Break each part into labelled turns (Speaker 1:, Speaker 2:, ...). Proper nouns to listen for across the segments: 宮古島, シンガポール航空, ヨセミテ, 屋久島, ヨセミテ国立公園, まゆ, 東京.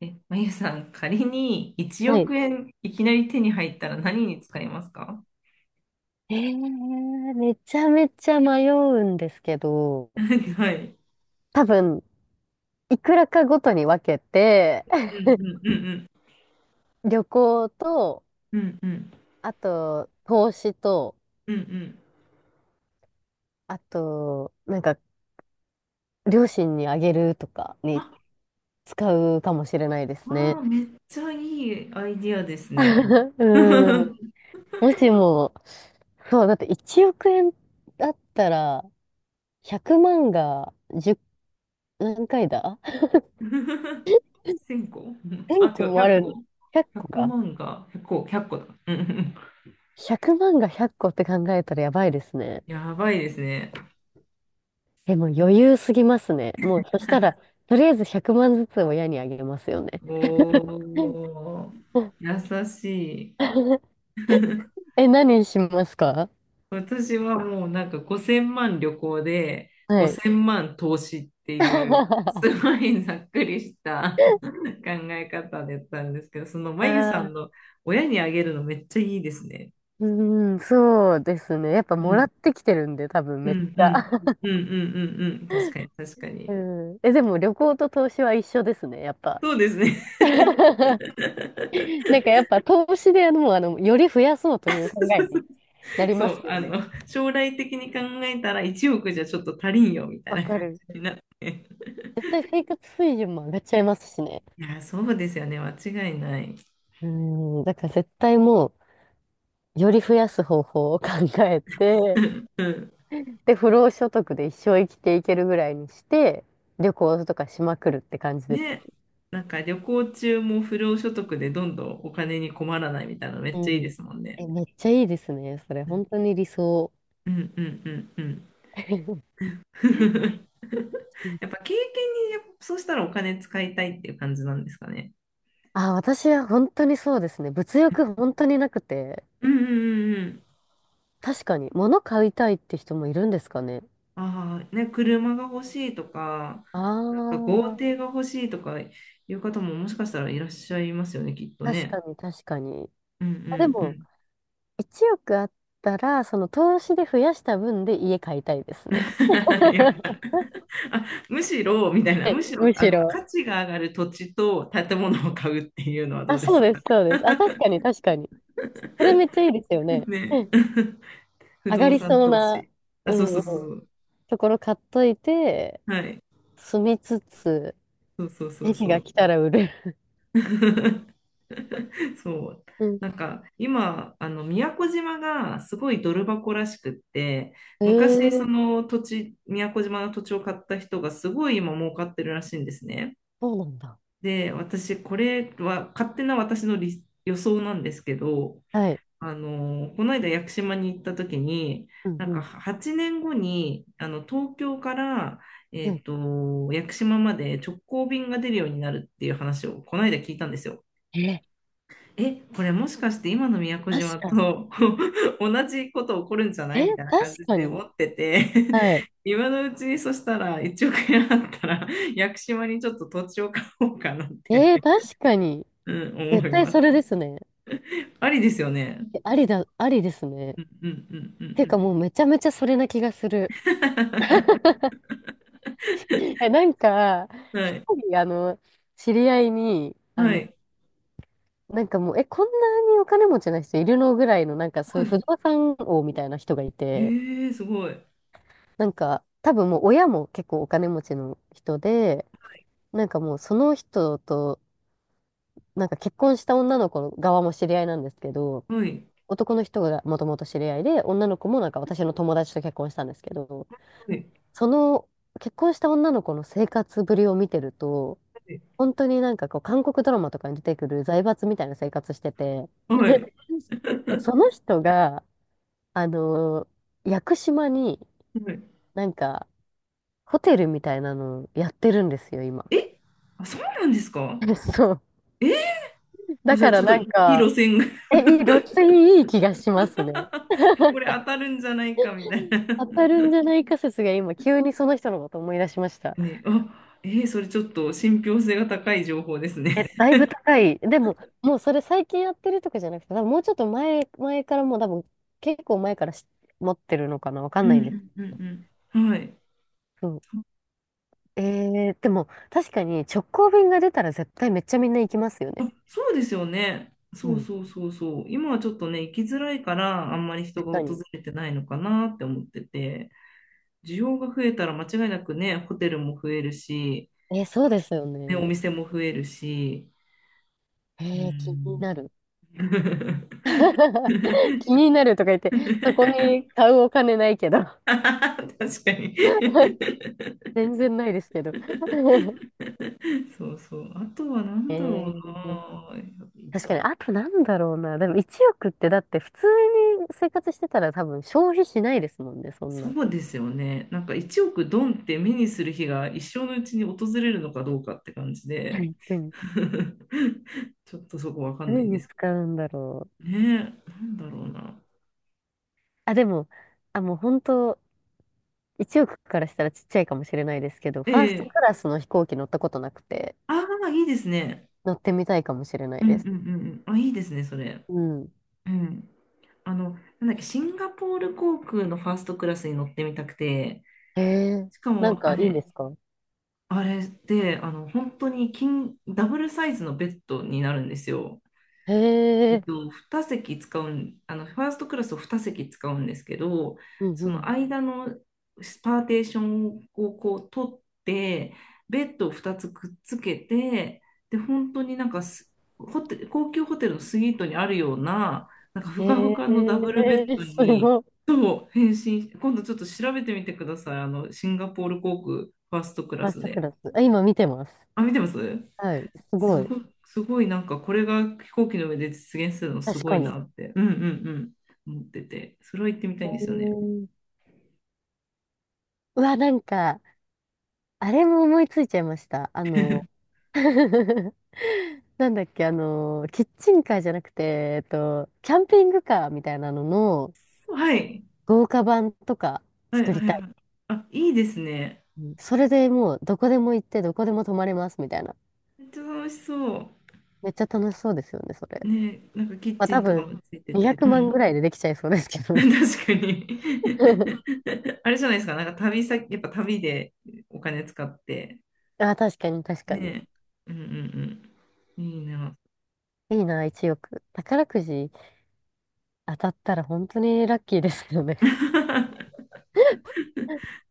Speaker 1: え、まゆさん、仮に1
Speaker 2: はい。
Speaker 1: 億円いきなり手に入ったら何に使いますか？
Speaker 2: めちゃめちゃ迷うんですけど、
Speaker 1: はい。
Speaker 2: 多分、いくらかごとに分けて、
Speaker 1: う んうんうん
Speaker 2: 旅行と、
Speaker 1: うんうんうん
Speaker 2: あと、投資と、
Speaker 1: うんうん。
Speaker 2: あと、なんか、両親にあげるとか
Speaker 1: あ、
Speaker 2: に使うかもしれないで
Speaker 1: あ
Speaker 2: すね。
Speaker 1: ー、めっちゃいいアイディアですね。
Speaker 2: うん。もしも、そう、だって1億円だったら、100万が1、何回だ、
Speaker 1: 1000個。
Speaker 2: 1
Speaker 1: あ、違
Speaker 2: 個
Speaker 1: う、
Speaker 2: も
Speaker 1: 100
Speaker 2: ある、
Speaker 1: 個。
Speaker 2: 100個
Speaker 1: 100
Speaker 2: か。
Speaker 1: 万が100個、1個だ。うんうんうん。
Speaker 2: 100万が100個っこって考えたらやばいですね。
Speaker 1: やばいですね。
Speaker 2: え、もう余裕すぎますね。もうそしたら、とりあえず100万ずつ親にあげますよね。
Speaker 1: おー、優しい。
Speaker 2: え、何しますか？
Speaker 1: 私はもうなんか5000万旅行で
Speaker 2: はい。
Speaker 1: 5000万投資っていうす ごいざっくりした 考え方だったんですけど、そのま
Speaker 2: あ
Speaker 1: ゆさん
Speaker 2: あ、
Speaker 1: の親にあげるのめっちゃいいですね。
Speaker 2: うん、そうですね。やっぱ
Speaker 1: う
Speaker 2: もら
Speaker 1: ん、
Speaker 2: ってきてるんで、多分
Speaker 1: う
Speaker 2: めっち
Speaker 1: ん、う
Speaker 2: ゃ。
Speaker 1: ん、うん、うん、うん、うん、確かに、確かに。
Speaker 2: うん。え、でも旅行と投資は一緒ですね、やっぱ。
Speaker 1: そうですね。
Speaker 2: なんかやっぱ投資でもうより増やそうという考えになり
Speaker 1: そ
Speaker 2: ます
Speaker 1: う、
Speaker 2: よ
Speaker 1: あ
Speaker 2: ね。
Speaker 1: の、将来的に考えたら1億じゃちょっと足りんよみたい
Speaker 2: わ
Speaker 1: な感
Speaker 2: かる。
Speaker 1: じになって。
Speaker 2: 絶対生活水準も上がっちゃいますしね。
Speaker 1: いや、そうですよね、間違いない。
Speaker 2: うん、だから絶対もう、より増やす方法を考えて、
Speaker 1: うん。
Speaker 2: で、不労所得で一生生きていけるぐらいにして、旅行とかしまくるって感じですよ。
Speaker 1: ね、なんか旅行中も不労所得でどんどんお金に困らないみたいなのめ
Speaker 2: う
Speaker 1: っちゃいいで
Speaker 2: ん。
Speaker 1: すもんね。
Speaker 2: え、めっちゃいいですね。それ、
Speaker 1: うん
Speaker 2: 本当に理想。
Speaker 1: うんうんうんうん。やっぱ経験にやっぱそうしたらお金使いたいっていう感じなんですかね。
Speaker 2: あ、私は本当にそうですね。物欲本当になくて、
Speaker 1: うんうんうんうん。
Speaker 2: 確かに、物買いたいって人もいるんですかね。
Speaker 1: ああ、ね、車が欲しいとか、なんか豪
Speaker 2: あ
Speaker 1: 邸が欲しいとかいう方ももしかしたらいらっしゃいますよね、きっと
Speaker 2: あ、確
Speaker 1: ね。
Speaker 2: かに確かに。
Speaker 1: うんう
Speaker 2: あ、でも、
Speaker 1: ん
Speaker 2: 1億あったら、その投資で増やした分で家買いたいですね。
Speaker 1: やっぱ あ、むしろ、みたいな、
Speaker 2: はい、
Speaker 1: むしろ、
Speaker 2: む
Speaker 1: あ
Speaker 2: し
Speaker 1: の、
Speaker 2: ろ。
Speaker 1: 価値が上がる土地と建物を買うっていうのはど
Speaker 2: あ、
Speaker 1: うで
Speaker 2: そ
Speaker 1: す
Speaker 2: うで
Speaker 1: か
Speaker 2: す、そうです。あ、確かに、確かに。それめっちゃいいですよね。
Speaker 1: ね。
Speaker 2: うん。
Speaker 1: 不
Speaker 2: 上が
Speaker 1: 動
Speaker 2: り
Speaker 1: 産
Speaker 2: そう
Speaker 1: 投
Speaker 2: な、
Speaker 1: 資。あ、
Speaker 2: う
Speaker 1: そう
Speaker 2: ん
Speaker 1: そ
Speaker 2: う
Speaker 1: う
Speaker 2: ん、
Speaker 1: そうそう。
Speaker 2: ところ買っといて、
Speaker 1: はい。
Speaker 2: 住みつつ、
Speaker 1: そうそうそう
Speaker 2: 時期
Speaker 1: そ
Speaker 2: が
Speaker 1: う。
Speaker 2: 来たら売る。
Speaker 1: そう。
Speaker 2: うん。
Speaker 1: なんか、今、あの、宮古島がすごいドル箱らしくって、昔、そ
Speaker 2: ええ、
Speaker 1: の土地、宮古島の土地を買った人がすごい今儲かってるらしいんですね。
Speaker 2: そうなんだ。
Speaker 1: で、私、これは勝手な私の理予想なんですけど、
Speaker 2: はい。
Speaker 1: あの、この間屋久島に行った時に、
Speaker 2: うん
Speaker 1: なん
Speaker 2: う
Speaker 1: か
Speaker 2: ん。
Speaker 1: 8年後に、あの、東京から、
Speaker 2: はい。
Speaker 1: 屋久島まで直行便が出るようになるっていう話をこの間聞いたんですよ。
Speaker 2: え
Speaker 1: え、これもしかして今の宮古
Speaker 2: ー、
Speaker 1: 島
Speaker 2: 確かに。
Speaker 1: と 同じこと起こるんじゃな
Speaker 2: え
Speaker 1: い
Speaker 2: ー、
Speaker 1: みたいな感
Speaker 2: 確
Speaker 1: じ
Speaker 2: か
Speaker 1: で思
Speaker 2: に。
Speaker 1: ってて
Speaker 2: はい。
Speaker 1: 今のうちにそしたら1億円あったら屋久島にちょっと土地を買おうかなっ
Speaker 2: え
Speaker 1: て、
Speaker 2: ー、確かに。
Speaker 1: うん、思
Speaker 2: 絶
Speaker 1: い
Speaker 2: 対
Speaker 1: ま
Speaker 2: それ
Speaker 1: す。
Speaker 2: ですね。
Speaker 1: ありですよね。
Speaker 2: え、ありだ、ありですね。
Speaker 1: うんうんうんう
Speaker 2: てい
Speaker 1: ん。
Speaker 2: うかもうめちゃめちゃそれな気がする。え、なんか、
Speaker 1: は
Speaker 2: 一
Speaker 1: い。
Speaker 2: 人、知り合いに、
Speaker 1: はい。
Speaker 2: なんかもう、え、こんなにお金持ちな人いるのぐらいの、なんかそう
Speaker 1: は
Speaker 2: いう
Speaker 1: い。
Speaker 2: 不動産王みたいな人がいて、
Speaker 1: ええ、すごい。
Speaker 2: なんか、多分もう親も結構お金持ちの人で、なんかもうその人と、なんか結婚した女の子の側も知り合いなんですけど、
Speaker 1: はい。
Speaker 2: 男の人がもともと知り合いで、女の子もなんか私の友達と結婚したんですけど、
Speaker 1: はい。
Speaker 2: その結婚した女の子の生活ぶりを見てると、
Speaker 1: はい。
Speaker 2: 本当になんかこう、韓国ドラマとかに出てくる財閥みたいな生活してて、
Speaker 1: はい。
Speaker 2: その人が、あのー屋久島になんか、ホテルみたいなのやってるんですよ、今。
Speaker 1: え、あ、そうなんですか？
Speaker 2: そう。
Speaker 1: え、あ、
Speaker 2: だ
Speaker 1: じゃ
Speaker 2: か
Speaker 1: あち
Speaker 2: ら
Speaker 1: ょっと
Speaker 2: な
Speaker 1: い
Speaker 2: ん
Speaker 1: い路
Speaker 2: か、
Speaker 1: 線が。
Speaker 2: え、いい、露水、いい気がしますね。
Speaker 1: これ当たるんじゃないかみたいな。
Speaker 2: 当たるんじゃないか説が今、急にその人のこと思い出しました。
Speaker 1: ね。あ、それちょっと信憑性が高い情報ですね。
Speaker 2: え、だいぶ高い。でも、もうそれ最近やってるとかじゃなくて、多分もうちょっと前からもう多分、結構前からし持ってるのかな、わか
Speaker 1: う
Speaker 2: んないんです。
Speaker 1: んうんうんうん。はい。
Speaker 2: そう、えでも確かに直行便が出たら絶対めっちゃみんな行きますよね。
Speaker 1: そうですよね。
Speaker 2: う
Speaker 1: そう
Speaker 2: ん。
Speaker 1: そうそうそう。今はちょっとね、行きづらいから、あんまり人
Speaker 2: 確
Speaker 1: が
Speaker 2: か
Speaker 1: 訪
Speaker 2: に。
Speaker 1: れてないのかなって思ってて、需要が増えたら間違いなくね、ホテルも増えるし、
Speaker 2: えー、そう
Speaker 1: あ
Speaker 2: で
Speaker 1: の
Speaker 2: すよ
Speaker 1: ね、お
Speaker 2: ね。
Speaker 1: 店も増えるし、う
Speaker 2: えー、気に
Speaker 1: ん。
Speaker 2: なる。気に なるとか言って、そこに買うお金ないけど。
Speaker 1: 確かに。
Speaker 2: 全然ないですけど。
Speaker 1: そうそう。あとは何
Speaker 2: え
Speaker 1: だろうな。
Speaker 2: ー、確かに、
Speaker 1: 一
Speaker 2: あとなんだろうな。でも1億ってだって普通に生活してたら多分消費しないですもんね、そん
Speaker 1: そ
Speaker 2: な。
Speaker 1: うですよね。なんか1億ドンって目にする日が一生のうちに訪れるのかどうかって感じ
Speaker 2: は
Speaker 1: で、
Speaker 2: い。うん。
Speaker 1: ちょっとそこわかんな
Speaker 2: 何
Speaker 1: いんで
Speaker 2: に
Speaker 1: すけ
Speaker 2: 使うんだろう。
Speaker 1: どね。なんだろうな。
Speaker 2: あ、でも、あ、もう本当1億からしたらちっちゃいかもしれないですけど、ファーストク
Speaker 1: ええ、
Speaker 2: ラスの飛行機乗ったことなくて、
Speaker 1: ああ、いいですね。
Speaker 2: 乗ってみたいかもしれない
Speaker 1: うんう
Speaker 2: で
Speaker 1: ん
Speaker 2: す。
Speaker 1: うんうん。あ、いいですね、それ。
Speaker 2: うん。
Speaker 1: うん。あの、なんだっけ、シンガポール航空のファーストクラスに乗ってみたくて、
Speaker 2: へえ、
Speaker 1: しか
Speaker 2: なん
Speaker 1: もあ
Speaker 2: かいいんで
Speaker 1: れ、
Speaker 2: すか？
Speaker 1: あれで、あの、本当に金、ダブルサイズのベッドになるんですよ。
Speaker 2: へ
Speaker 1: えっ
Speaker 2: え、
Speaker 1: と、2席使うん、あの、ファーストクラスを2席使うんですけど、
Speaker 2: うんう
Speaker 1: その
Speaker 2: ん。
Speaker 1: 間のパーテーションをこう取って、ベッドを2つくっつけて、で、本当になんかすホテ、高級ホテルのスイートにあるような、なんかふかふ
Speaker 2: へ
Speaker 1: かのダブルベッ
Speaker 2: え、
Speaker 1: ド
Speaker 2: す
Speaker 1: に、
Speaker 2: ごい。フ
Speaker 1: と変身、今度ちょっと調べてみてください。あの、シンガポール航空ファーストクラ
Speaker 2: ァース
Speaker 1: ス
Speaker 2: トク
Speaker 1: で。
Speaker 2: ラス。あ、今見てます。
Speaker 1: あ、見てます。
Speaker 2: はい、す
Speaker 1: す
Speaker 2: ごい。
Speaker 1: ごい、すごい、なんかこれが飛行機の上で実現するのす
Speaker 2: 確
Speaker 1: ご
Speaker 2: か
Speaker 1: い
Speaker 2: に。へ
Speaker 1: なって。うんうんうん。思ってて、それは行ってみたいんですよね。
Speaker 2: え。うわ、なんか、あれも思いついちゃいました。なんだっけ、キッチンカーじゃなくて、キャンピングカーみたいなのの
Speaker 1: はい。
Speaker 2: 豪華版とか
Speaker 1: はい
Speaker 2: 作
Speaker 1: は
Speaker 2: り
Speaker 1: い
Speaker 2: たい。
Speaker 1: はい。あ、いいですね。
Speaker 2: うん。それでもうどこでも行ってどこでも泊まれますみたいな。
Speaker 1: めっちゃ楽しそ
Speaker 2: めっちゃ楽しそうですよね、それ。
Speaker 1: う。ね、なんかキッ
Speaker 2: まあ
Speaker 1: チ
Speaker 2: 多
Speaker 1: ンとか
Speaker 2: 分
Speaker 1: もついて
Speaker 2: 200
Speaker 1: て。う
Speaker 2: 万
Speaker 1: ん。
Speaker 2: ぐらいでできちゃいそうですけ どね。
Speaker 1: 確かに。 あれじゃないですか、なんか旅先、やっぱ旅でお金使って。
Speaker 2: あ、確かに確かに。
Speaker 1: ね。うんうんうん。いいな。
Speaker 2: いいな、1億。宝くじ当たったら本当にラッキーですよね。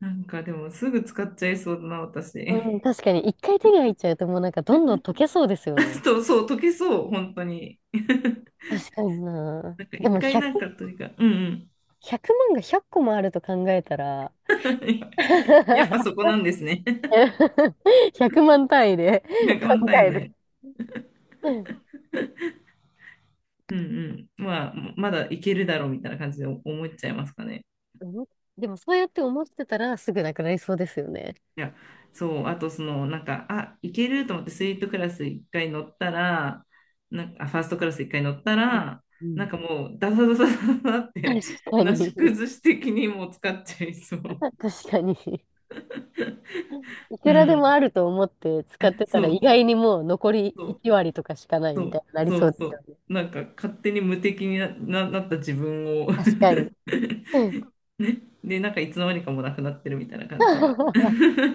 Speaker 1: なんかでもすぐ使っちゃいそうだな、
Speaker 2: うん、
Speaker 1: 私。
Speaker 2: 確かに一回手に入っちゃうともうなんかどんどん溶けそうですよ ね。
Speaker 1: そう、そう、溶けそう、本当に。
Speaker 2: 確かにな。
Speaker 1: なんか
Speaker 2: で
Speaker 1: 一
Speaker 2: も
Speaker 1: 回なん
Speaker 2: 100、
Speaker 1: かというか、うんうん。
Speaker 2: 100万が100個もあると考えたら
Speaker 1: やっぱそこなんですね。
Speaker 2: 100万 単位で
Speaker 1: 100万
Speaker 2: 考
Speaker 1: 単位
Speaker 2: える。
Speaker 1: で。うんうん。まあ、まだいけるだろうみたいな感じで思っちゃいますかね。
Speaker 2: 思っでもそうやって思ってたらすぐなくなりそうですよね。
Speaker 1: いや、そう、あとその、なんか、あ、いけると思ってスイートクラス一回乗ったら、なんか、あ、ファーストクラス一回乗った
Speaker 2: うん
Speaker 1: ら、
Speaker 2: う
Speaker 1: なん
Speaker 2: ん、
Speaker 1: かもう、ダサダサダサダサっ
Speaker 2: 確
Speaker 1: て、
Speaker 2: か
Speaker 1: なし
Speaker 2: に。
Speaker 1: 崩し的にもう使っちゃいそう。
Speaker 2: 確かに。い
Speaker 1: う
Speaker 2: くらでも
Speaker 1: ん。
Speaker 2: あると思って使
Speaker 1: え
Speaker 2: って
Speaker 1: そ
Speaker 2: たら意
Speaker 1: う、
Speaker 2: 外にもう残り
Speaker 1: そう。
Speaker 2: 1割とかしかない
Speaker 1: そ
Speaker 2: み
Speaker 1: う、
Speaker 2: たいになり
Speaker 1: そ
Speaker 2: そ
Speaker 1: う
Speaker 2: うで
Speaker 1: そ
Speaker 2: すよね。
Speaker 1: う。なんか勝手に無敵になった自分を。
Speaker 2: 確かに。うん。
Speaker 1: ね。で、なんかいつの間にかもうなくなってるみたいな感じが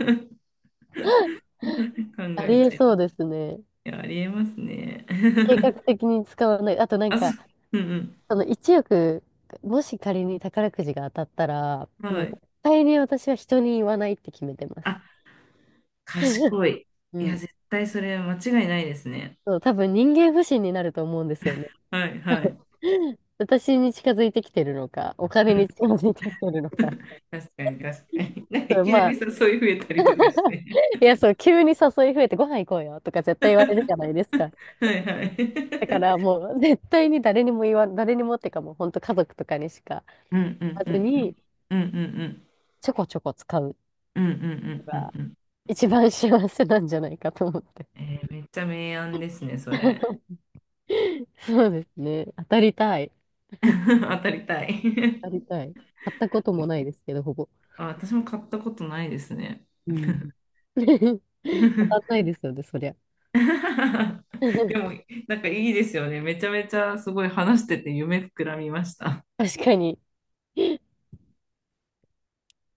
Speaker 1: 考
Speaker 2: あ
Speaker 1: え
Speaker 2: りえ
Speaker 1: ちゃいます。
Speaker 2: そう
Speaker 1: い
Speaker 2: ですね。
Speaker 1: や、ありえますね。
Speaker 2: 計画 的に使わない。あとなん
Speaker 1: あ、そ
Speaker 2: か、
Speaker 1: う、うん
Speaker 2: その1億、もし仮に宝くじが当たったら、
Speaker 1: うん。は
Speaker 2: もう
Speaker 1: い。
Speaker 2: 絶対に私は人に言わないって決めてます。
Speaker 1: あ、賢い。
Speaker 2: う
Speaker 1: いや、
Speaker 2: ん。
Speaker 1: 絶対それ間違いないですね。
Speaker 2: そう、多分人間不信になると思うんですよね。
Speaker 1: はいはい。う
Speaker 2: 私に近づいてきてるのか、お金
Speaker 1: ん、
Speaker 2: に近づいてきてるのか。
Speaker 1: 確かに、確かに。なんか
Speaker 2: そ
Speaker 1: い
Speaker 2: う、
Speaker 1: きな
Speaker 2: ま
Speaker 1: り
Speaker 2: あ、
Speaker 1: さ、そういう増えたりとかし て。
Speaker 2: いや、そう、急に誘い増えてご飯行こうよとか絶対言われるじゃないですか。
Speaker 1: はいはい。
Speaker 2: だか らもう 絶対に誰にもっていうかもう本当家族とかにしか言
Speaker 1: うんうん
Speaker 2: わ
Speaker 1: う
Speaker 2: ず
Speaker 1: んうん。
Speaker 2: に、
Speaker 1: うんうんうん。
Speaker 2: ちょこちょこ使う
Speaker 1: うんうんうん
Speaker 2: の
Speaker 1: うん
Speaker 2: が
Speaker 1: うんうん。
Speaker 2: 一番幸せなんじゃないかと思って。
Speaker 1: めっちゃ明暗ですね、それ。
Speaker 2: そうですね。当たりたい。
Speaker 1: 当たりたい。
Speaker 2: 当たりたい。買ったこともないですけど、ほぼ。
Speaker 1: あ、私も買ったことないですね。
Speaker 2: う ん。 当たんないですよね、そりゃ。
Speaker 1: でも、なんかいいですよね。めちゃめちゃすごい話してて夢膨らみました。
Speaker 2: 確かに。